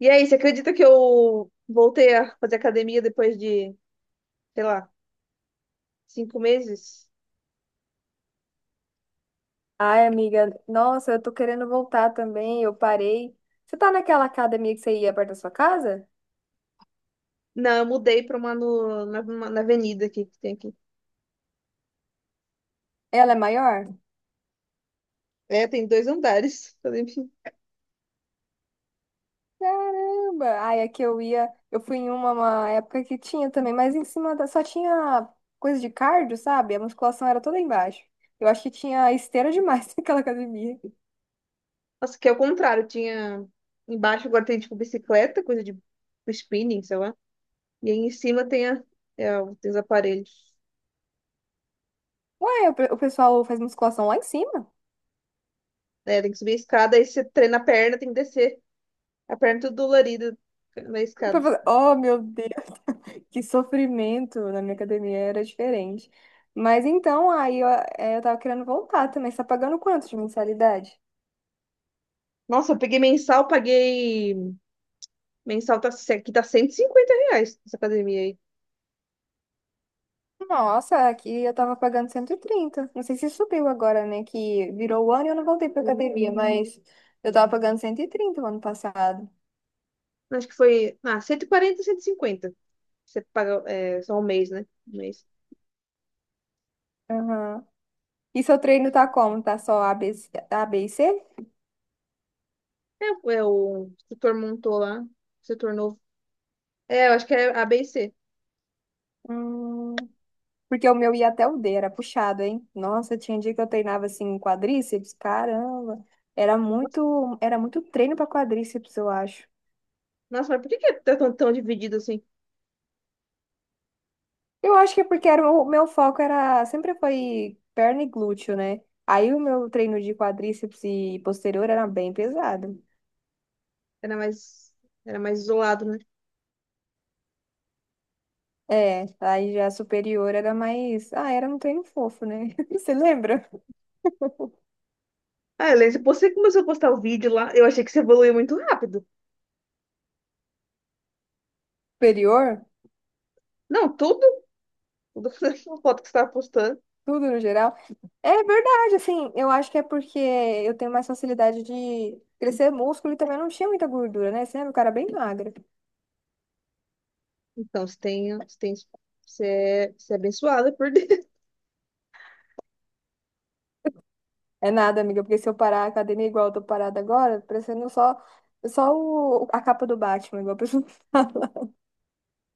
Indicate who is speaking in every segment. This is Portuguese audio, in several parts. Speaker 1: E aí, você acredita que eu voltei a fazer academia depois de, sei lá, 5 meses?
Speaker 2: Ai, amiga, nossa, eu tô querendo voltar também, eu parei. Você tá naquela academia que você ia perto da sua casa?
Speaker 1: Não, eu mudei para uma no- na, uma- na avenida aqui que tem aqui.
Speaker 2: Ela é maior?
Speaker 1: É, tem dois andares. "Enfim."
Speaker 2: Caramba! Ai, aqui eu fui em uma época que tinha também, mas só tinha coisa de cardio, sabe? A musculação era toda embaixo. Eu acho que tinha esteira demais naquela academia.
Speaker 1: Nossa, que é o contrário. Tinha embaixo agora tem tipo bicicleta, coisa de spinning, sei lá. E aí em cima tem os aparelhos.
Speaker 2: Ué, o pessoal faz musculação lá em cima?
Speaker 1: É, tem que subir a escada, aí você treina a perna, tem que descer. A perna tudo dolorida na escada.
Speaker 2: Oh, meu Deus! Que sofrimento, na minha academia era diferente. Mas então, aí eu tava querendo voltar também. Você tá pagando quanto de mensalidade?
Speaker 1: Nossa, eu peguei mensal, paguei. Mensal tá, aqui tá R$ 150 essa academia aí.
Speaker 2: Nossa, aqui eu tava pagando 130. Não sei se subiu agora, né? Que virou o ano e eu não voltei pra academia, mas eu tava pagando 130 o ano passado.
Speaker 1: Acho que foi. Ah, 140, 150. Você paga é, só um mês, né? Um mês.
Speaker 2: Aham. E seu treino tá como? Tá só A, B e C?
Speaker 1: É, é, o instrutor montou lá. Setor novo. É, eu acho que é A, B e C.
Speaker 2: Hum. Porque o meu ia até o D, era puxado, hein? Nossa, tinha dia que eu treinava assim quadríceps, caramba. Era
Speaker 1: Nossa,
Speaker 2: muito, era muito treino para quadríceps, eu acho.
Speaker 1: nossa, mas por que que tá tão, tão dividido assim?
Speaker 2: Eu acho que é porque o meu foco era sempre foi perna e glúteo, né? Aí o meu treino de quadríceps e posterior era bem pesado.
Speaker 1: Era mais, era mais isolado, né?
Speaker 2: É, aí já superior era um treino fofo, né? Você lembra?
Speaker 1: Ah, Helena, você começou a postar o vídeo lá. Eu achei que você evoluiu muito rápido.
Speaker 2: Superior,
Speaker 1: Não, tudo. Tudo a foto que você estava postando.
Speaker 2: tudo no geral. É verdade, assim, eu acho que é porque eu tenho mais facilidade de crescer músculo e também não tinha muita gordura, né? Você era um cara é bem magro.
Speaker 1: Então, você tem, você é abençoada por Deus.
Speaker 2: É nada, amiga, porque se eu parar a academia igual eu tô parada agora, parecendo só a capa do Batman, igual a pessoa fala.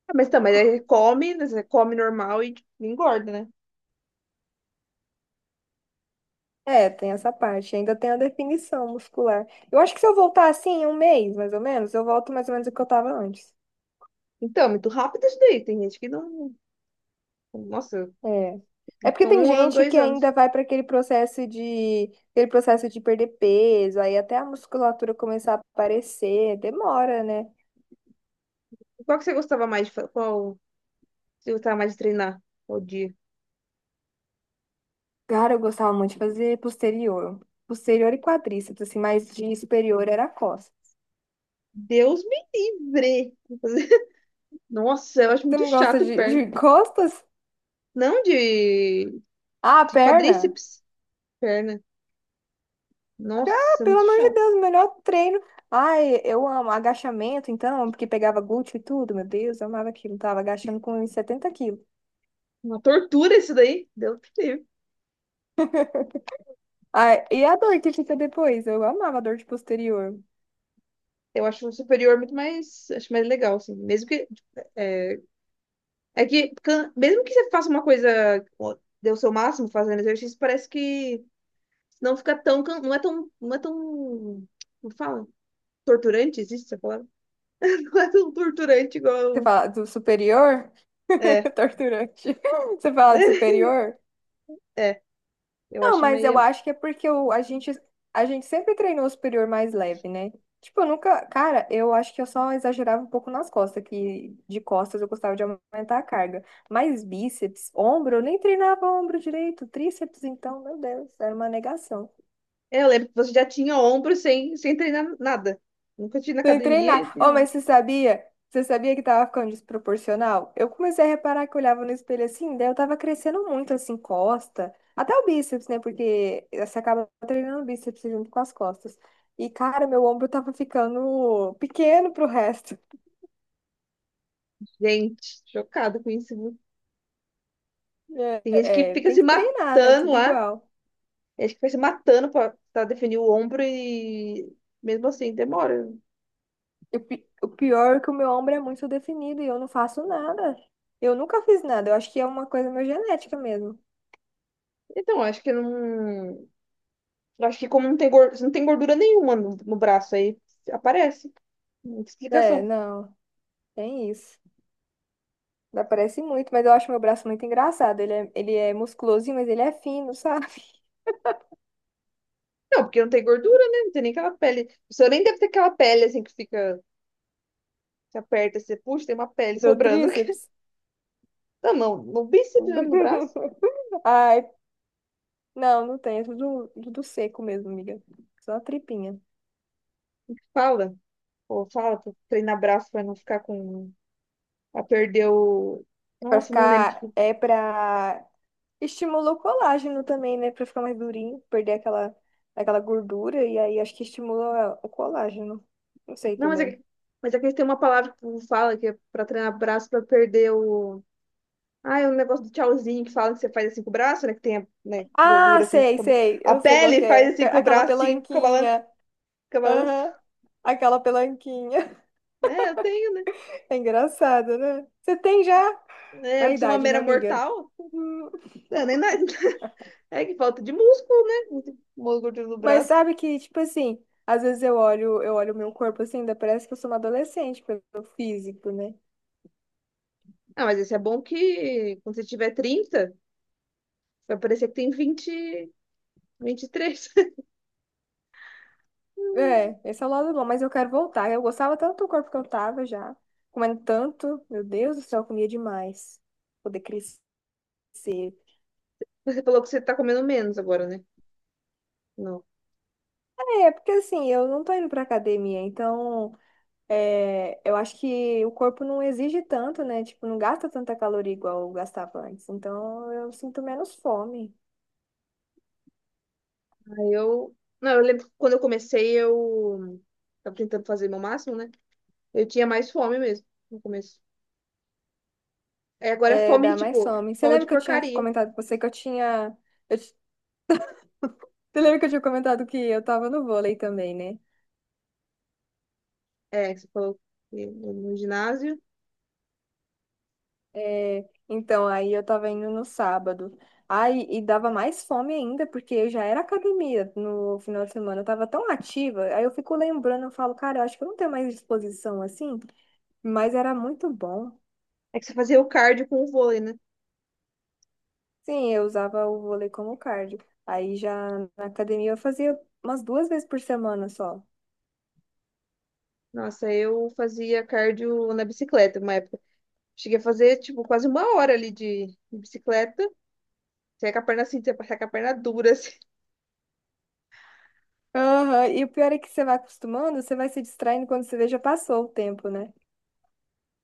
Speaker 1: Ah, mas tá, mas aí come, né, você come normal e tipo, engorda, né?
Speaker 2: É, tem essa parte, ainda tem a definição muscular. Eu acho que se eu voltar assim, em um mês, mais ou menos, eu volto mais ou menos o que eu tava antes.
Speaker 1: Então, é muito rápido isso daí. Tem gente que não. Nossa,
Speaker 2: É. É porque
Speaker 1: fica
Speaker 2: tem
Speaker 1: um ano,
Speaker 2: gente que
Speaker 1: dois
Speaker 2: ainda
Speaker 1: anos.
Speaker 2: vai para aquele processo de perder peso, aí até a musculatura começar a aparecer, demora, né?
Speaker 1: Qual você gostava mais de treinar? Qual dia?
Speaker 2: Cara, eu gostava muito de fazer posterior. Posterior e quadríceps, assim, mas de superior era costas.
Speaker 1: Deus me livre! Nossa, eu acho
Speaker 2: Tu
Speaker 1: muito
Speaker 2: não gosta
Speaker 1: chato
Speaker 2: de,
Speaker 1: perna.
Speaker 2: de costas?
Speaker 1: Não de,
Speaker 2: Ah,
Speaker 1: de
Speaker 2: perna?
Speaker 1: quadríceps, perna.
Speaker 2: Ah,
Speaker 1: Nossa, é
Speaker 2: pelo
Speaker 1: muito
Speaker 2: amor de
Speaker 1: chato.
Speaker 2: Deus, o melhor treino. Ai, eu amo agachamento, então, porque pegava glúteo e tudo, meu Deus, eu amava aquilo. Tava agachando com uns 70 quilos.
Speaker 1: Uma tortura isso daí. Deus me livre.
Speaker 2: Ai, e a dor que fica depois? Eu amava a dor de posterior.
Speaker 1: Eu acho o superior muito mais, acho mais legal, assim. Mesmo que é, mesmo que você faça uma coisa, ó, dê o seu máximo fazendo exercício, parece que não é tão, como fala? Torturante, existe essa palavra? Não é tão torturante
Speaker 2: Você
Speaker 1: igual, um,
Speaker 2: fala do superior?
Speaker 1: é,
Speaker 2: Torturante. Você fala do superior?
Speaker 1: é, eu
Speaker 2: Não,
Speaker 1: acho
Speaker 2: mas eu
Speaker 1: meio,
Speaker 2: acho que é porque a gente sempre treinou o superior mais leve, né? Tipo, eu nunca. Cara, eu acho que eu só exagerava um pouco nas costas, que de costas eu gostava de aumentar a carga. Mas bíceps, ombro, eu nem treinava ombro direito. Tríceps, então, meu Deus, era uma negação.
Speaker 1: é, eu lembro que você já tinha ombro sem treinar nada. Nunca tinha na
Speaker 2: Sem
Speaker 1: academia e
Speaker 2: treinar.
Speaker 1: tinha
Speaker 2: Oh, mas
Speaker 1: ombro.
Speaker 2: você sabia? Você sabia que tava ficando desproporcional? Eu comecei a reparar que eu olhava no espelho assim, daí eu tava crescendo muito, assim, costa. Até o bíceps, né? Porque você acaba treinando o bíceps junto com as costas. E, cara, meu ombro tava ficando pequeno pro resto.
Speaker 1: Gente, chocada com isso, viu? Tem gente que
Speaker 2: É, é,
Speaker 1: fica
Speaker 2: tem
Speaker 1: se
Speaker 2: que treinar, né?
Speaker 1: matando
Speaker 2: Tudo
Speaker 1: lá,
Speaker 2: igual.
Speaker 1: tem gente que fica se matando pra definir o ombro e mesmo assim demora.
Speaker 2: E o pior é que o meu ombro é muito definido e eu não faço nada. Eu nunca fiz nada. Eu acho que é uma coisa meio genética mesmo.
Speaker 1: Então, acho que não. Acho que como não tem gordura nenhuma no braço, aí aparece. Muita
Speaker 2: É,
Speaker 1: explicação.
Speaker 2: não. Tem isso. Não parece muito, mas eu acho meu braço muito engraçado. Ele é musculosinho, mas ele é fino, sabe?
Speaker 1: Não, porque não tem gordura, né? Não tem nem aquela pele. O senhor nem deve ter aquela pele assim que fica. Você aperta, você puxa, tem uma pele
Speaker 2: Do
Speaker 1: sobrando.
Speaker 2: tríceps.
Speaker 1: Não, não. No bíceps mesmo, no braço.
Speaker 2: Ai, não, não tem. É tudo, tudo seco mesmo, amiga. Só a tripinha.
Speaker 1: Fala. Pô, fala pra treinar braço pra não ficar com. Pra perder o.
Speaker 2: É pra
Speaker 1: Nossa, não lembro.
Speaker 2: ficar. É pra. Estimula o colágeno também, né? Pra ficar mais durinho, perder aquela gordura. E aí acho que estimula o colágeno. Não sei
Speaker 1: Não, mas é
Speaker 2: também.
Speaker 1: que tem uma palavra que o povo fala que é pra treinar braço pra perder o. Ah, é um negócio do tchauzinho que fala que você faz assim com o braço, né? Que tem, né,
Speaker 2: Ah,
Speaker 1: gordura assim,
Speaker 2: sei, sei.
Speaker 1: A
Speaker 2: Eu sei qual que
Speaker 1: pele
Speaker 2: é.
Speaker 1: faz assim
Speaker 2: Fica
Speaker 1: com o
Speaker 2: aquela
Speaker 1: braço, assim, fica balan-
Speaker 2: pelanquinha.
Speaker 1: fica balançando.
Speaker 2: Aham. Aquela pelanquinha.
Speaker 1: É, eu tenho, né?
Speaker 2: É engraçado, né? Você tem já
Speaker 1: É,
Speaker 2: a
Speaker 1: eu sou uma
Speaker 2: idade, né,
Speaker 1: mera
Speaker 2: amiga?
Speaker 1: mortal.
Speaker 2: Hum.
Speaker 1: É, nem nada. É que falta de músculo, né? Não tem gordura no
Speaker 2: Mas
Speaker 1: braço.
Speaker 2: sabe que, tipo assim, às vezes eu olho o meu corpo assim, ainda parece que eu sou uma adolescente pelo físico, né?
Speaker 1: Ah, mas esse é bom que quando você tiver 30, vai parecer que tem 20, 23.
Speaker 2: É, esse é o lado bom, mas eu quero voltar. Eu gostava tanto do corpo que eu tava já, comendo tanto, meu Deus do céu, eu comia demais. Poder crescer.
Speaker 1: Você falou que você tá comendo menos agora, né? Não.
Speaker 2: É, porque assim, eu não tô indo pra academia, então. É, eu acho que o corpo não exige tanto, né? Tipo, não gasta tanta caloria igual gastava antes. Então, eu sinto menos fome.
Speaker 1: Aí eu. Não, eu lembro que quando eu comecei, eu tava tentando fazer meu máximo, né? Eu tinha mais fome mesmo no começo. É, agora é
Speaker 2: É,
Speaker 1: fome de,
Speaker 2: dá mais
Speaker 1: tipo,
Speaker 2: fome. Você
Speaker 1: fome de
Speaker 2: lembra que eu tinha
Speaker 1: porcaria.
Speaker 2: comentado com você que eu tinha... Eu, ti- você lembra que eu tinha comentado que eu tava no vôlei também, né?
Speaker 1: É, que você falou que no ginásio.
Speaker 2: É, então, aí eu tava indo no sábado. Aí, e dava mais fome ainda, porque eu já era academia no final de semana. Eu tava tão ativa. Aí eu fico lembrando, eu falo, cara, eu acho que eu não tenho mais disposição assim. Mas era muito bom.
Speaker 1: É que você fazia o cardio com o vôlei, né?
Speaker 2: Sim, eu usava o vôlei como cardio. Aí já na academia eu fazia umas 2 vezes por semana só.
Speaker 1: Nossa, eu fazia cardio na bicicleta uma época. Cheguei a fazer, tipo, quase uma hora ali de bicicleta. Você ia com a perna assim, você ia passar com a perna dura, assim.
Speaker 2: Aham. E o pior é que você vai acostumando, você vai se distraindo quando você vê já passou o tempo, né?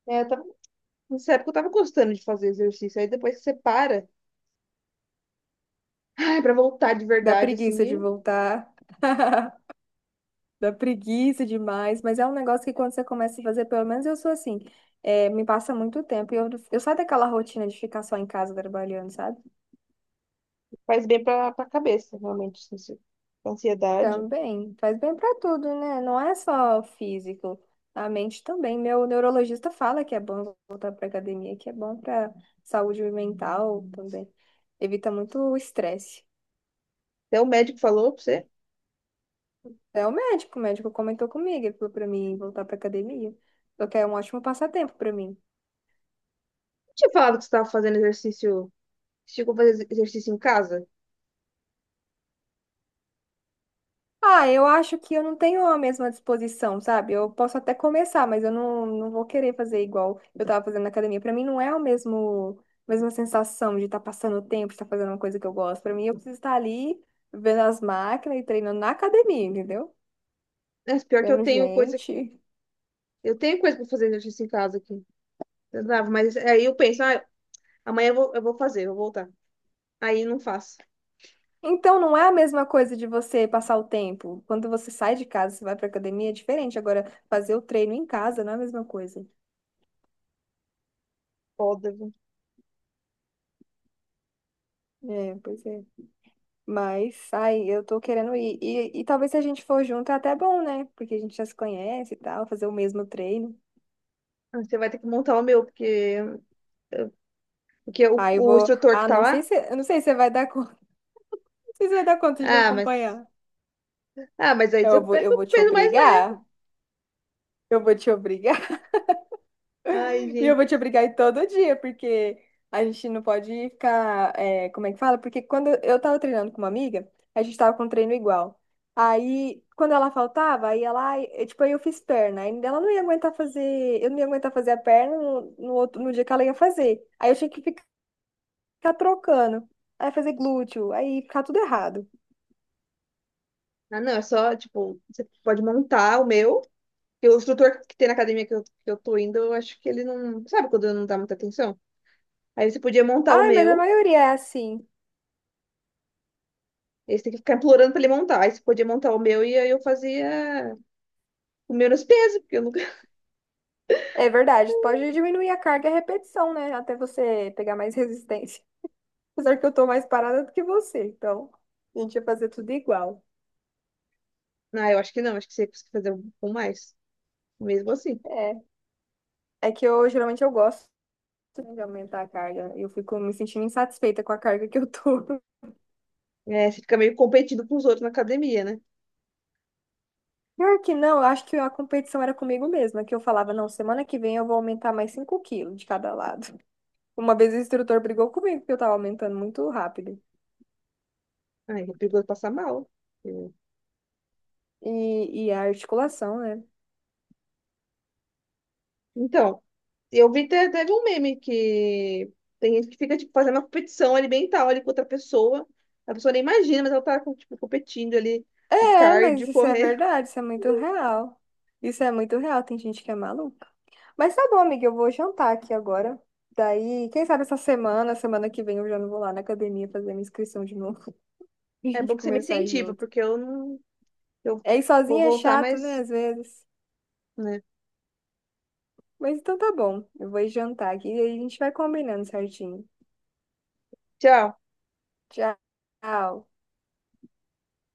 Speaker 1: É, eu tava, nessa época eu tava gostando de fazer exercício. Aí depois que você para, ai, pra voltar de
Speaker 2: Dá
Speaker 1: verdade, assim,
Speaker 2: preguiça de
Speaker 1: e
Speaker 2: voltar. Dá preguiça demais, mas é um negócio que quando você começa a fazer, pelo menos eu sou assim, é, me passa muito tempo. E eu saio daquela rotina de ficar só em casa trabalhando, sabe?
Speaker 1: faz bem pra cabeça, realmente, assim, ansiedade.
Speaker 2: Também, faz bem pra tudo, né? Não é só físico, a mente também. Meu neurologista fala que é bom voltar pra academia, que é bom pra saúde mental também. Evita muito o estresse.
Speaker 1: Até o médico falou pra você.
Speaker 2: É o médico, comentou comigo, ele falou pra mim voltar pra academia. O que é um ótimo passatempo pra mim.
Speaker 1: Tinha falado que você estava fazendo exercício. Você chegou a fazer exercício em casa?
Speaker 2: Ah, eu acho que eu não tenho a mesma disposição, sabe? Eu posso até começar, mas eu não, não vou querer fazer igual eu tava fazendo na academia. Pra mim não é o mesmo, a mesma sensação de estar passando o tempo, de estar fazendo uma coisa que eu gosto. Pra mim eu preciso estar ali vendo as máquinas e treinando na academia, entendeu?
Speaker 1: É, pior que eu
Speaker 2: Vendo
Speaker 1: tenho coisa.
Speaker 2: gente.
Speaker 1: Eu tenho coisa para fazer exercício em casa aqui. Eu dava, mas aí eu penso, ah, amanhã eu vou fazer, eu vou voltar. Aí não faço.
Speaker 2: Então não é a mesma coisa de você passar o tempo. Quando você sai de casa, você vai pra academia, é diferente. Agora, fazer o treino em casa não é a mesma coisa.
Speaker 1: Foda, viu?
Speaker 2: É, pois é. Mas, ai, eu tô querendo ir. E talvez se a gente for junto é até bom, né? Porque a gente já se conhece e tal, fazer o mesmo treino.
Speaker 1: Ah, você vai ter que montar o meu, porque, eu- porque o,
Speaker 2: Aí eu
Speaker 1: o
Speaker 2: vou.
Speaker 1: instrutor que
Speaker 2: Ah,
Speaker 1: tá
Speaker 2: não sei
Speaker 1: lá.
Speaker 2: se, eu não sei se você vai dar conta. Não sei se você vai dar conta de me
Speaker 1: Ah, mas.
Speaker 2: acompanhar.
Speaker 1: Ah, mas aí
Speaker 2: Então
Speaker 1: você
Speaker 2: eu vou,
Speaker 1: pega
Speaker 2: eu vou
Speaker 1: o
Speaker 2: te
Speaker 1: peso mais leve.
Speaker 2: obrigar. Eu vou te obrigar.
Speaker 1: Ai,
Speaker 2: E eu vou te
Speaker 1: gente.
Speaker 2: obrigar a ir todo dia, porque a gente não pode ficar. É, como é que fala? Porque quando eu tava treinando com uma amiga, a gente tava com um treino igual. Aí, quando ela faltava, ai, eu, tipo, aí eu fiz perna. Aí ela não ia aguentar fazer, eu não ia aguentar fazer a perna no no dia que ela ia fazer. Aí eu tinha que ficar trocando. Aí fazer glúteo, aí ficar tudo errado.
Speaker 1: Ah, não, é só, tipo, você pode montar o meu. E o instrutor que tem na academia que eu tô indo, eu acho que ele não. Sabe quando não dá muita atenção? Aí você podia montar o
Speaker 2: Ai, mas a
Speaker 1: meu.
Speaker 2: maioria é assim.
Speaker 1: Eles têm que ficar implorando pra ele montar. Aí você podia montar o meu e aí eu fazia o menos peso, porque eu nunca.
Speaker 2: É verdade, pode diminuir a carga e a repetição, né? Até você pegar mais resistência. Apesar que eu tô mais parada do que você, então a gente ia fazer tudo igual.
Speaker 1: Não, eu acho que não, acho que você consegue fazer um com mais. Mesmo assim.
Speaker 2: É, é que eu geralmente eu gosto de aumentar a carga. Eu fico me sentindo insatisfeita com a carga que eu tô.
Speaker 1: É, você fica meio competindo com os outros na academia, né?
Speaker 2: Pior que não, eu acho que a competição era comigo mesma, que eu falava, não, semana que vem eu vou aumentar mais 5 quilos de cada lado. Uma vez o instrutor brigou comigo porque eu tava aumentando muito rápido.
Speaker 1: Ai, é perigoso passar mal. É.
Speaker 2: E a articulação, né?
Speaker 1: Então, eu vi até, teve um meme que tem gente que fica, tipo, fazendo uma competição alimentar ali com outra pessoa. A pessoa nem imagina, mas ela tá, com, tipo, competindo ali o
Speaker 2: É, mas
Speaker 1: cardio,
Speaker 2: isso é
Speaker 1: correr.
Speaker 2: verdade, isso é muito real. Isso é muito real, tem gente que é maluca. Mas tá bom, amiga, eu vou jantar aqui agora. Daí, quem sabe essa semana, semana que vem eu já não vou lá na academia fazer minha inscrição de novo. E a
Speaker 1: É bom
Speaker 2: gente
Speaker 1: que você me
Speaker 2: começar a ir
Speaker 1: incentiva,
Speaker 2: junto.
Speaker 1: porque eu não. Eu
Speaker 2: É, ir
Speaker 1: vou
Speaker 2: sozinha é
Speaker 1: voltar
Speaker 2: chato, né,
Speaker 1: mais,
Speaker 2: às vezes.
Speaker 1: né?
Speaker 2: Mas então tá bom, eu vou ir jantar aqui e aí a gente vai combinando certinho.
Speaker 1: Tchau.
Speaker 2: Tchau.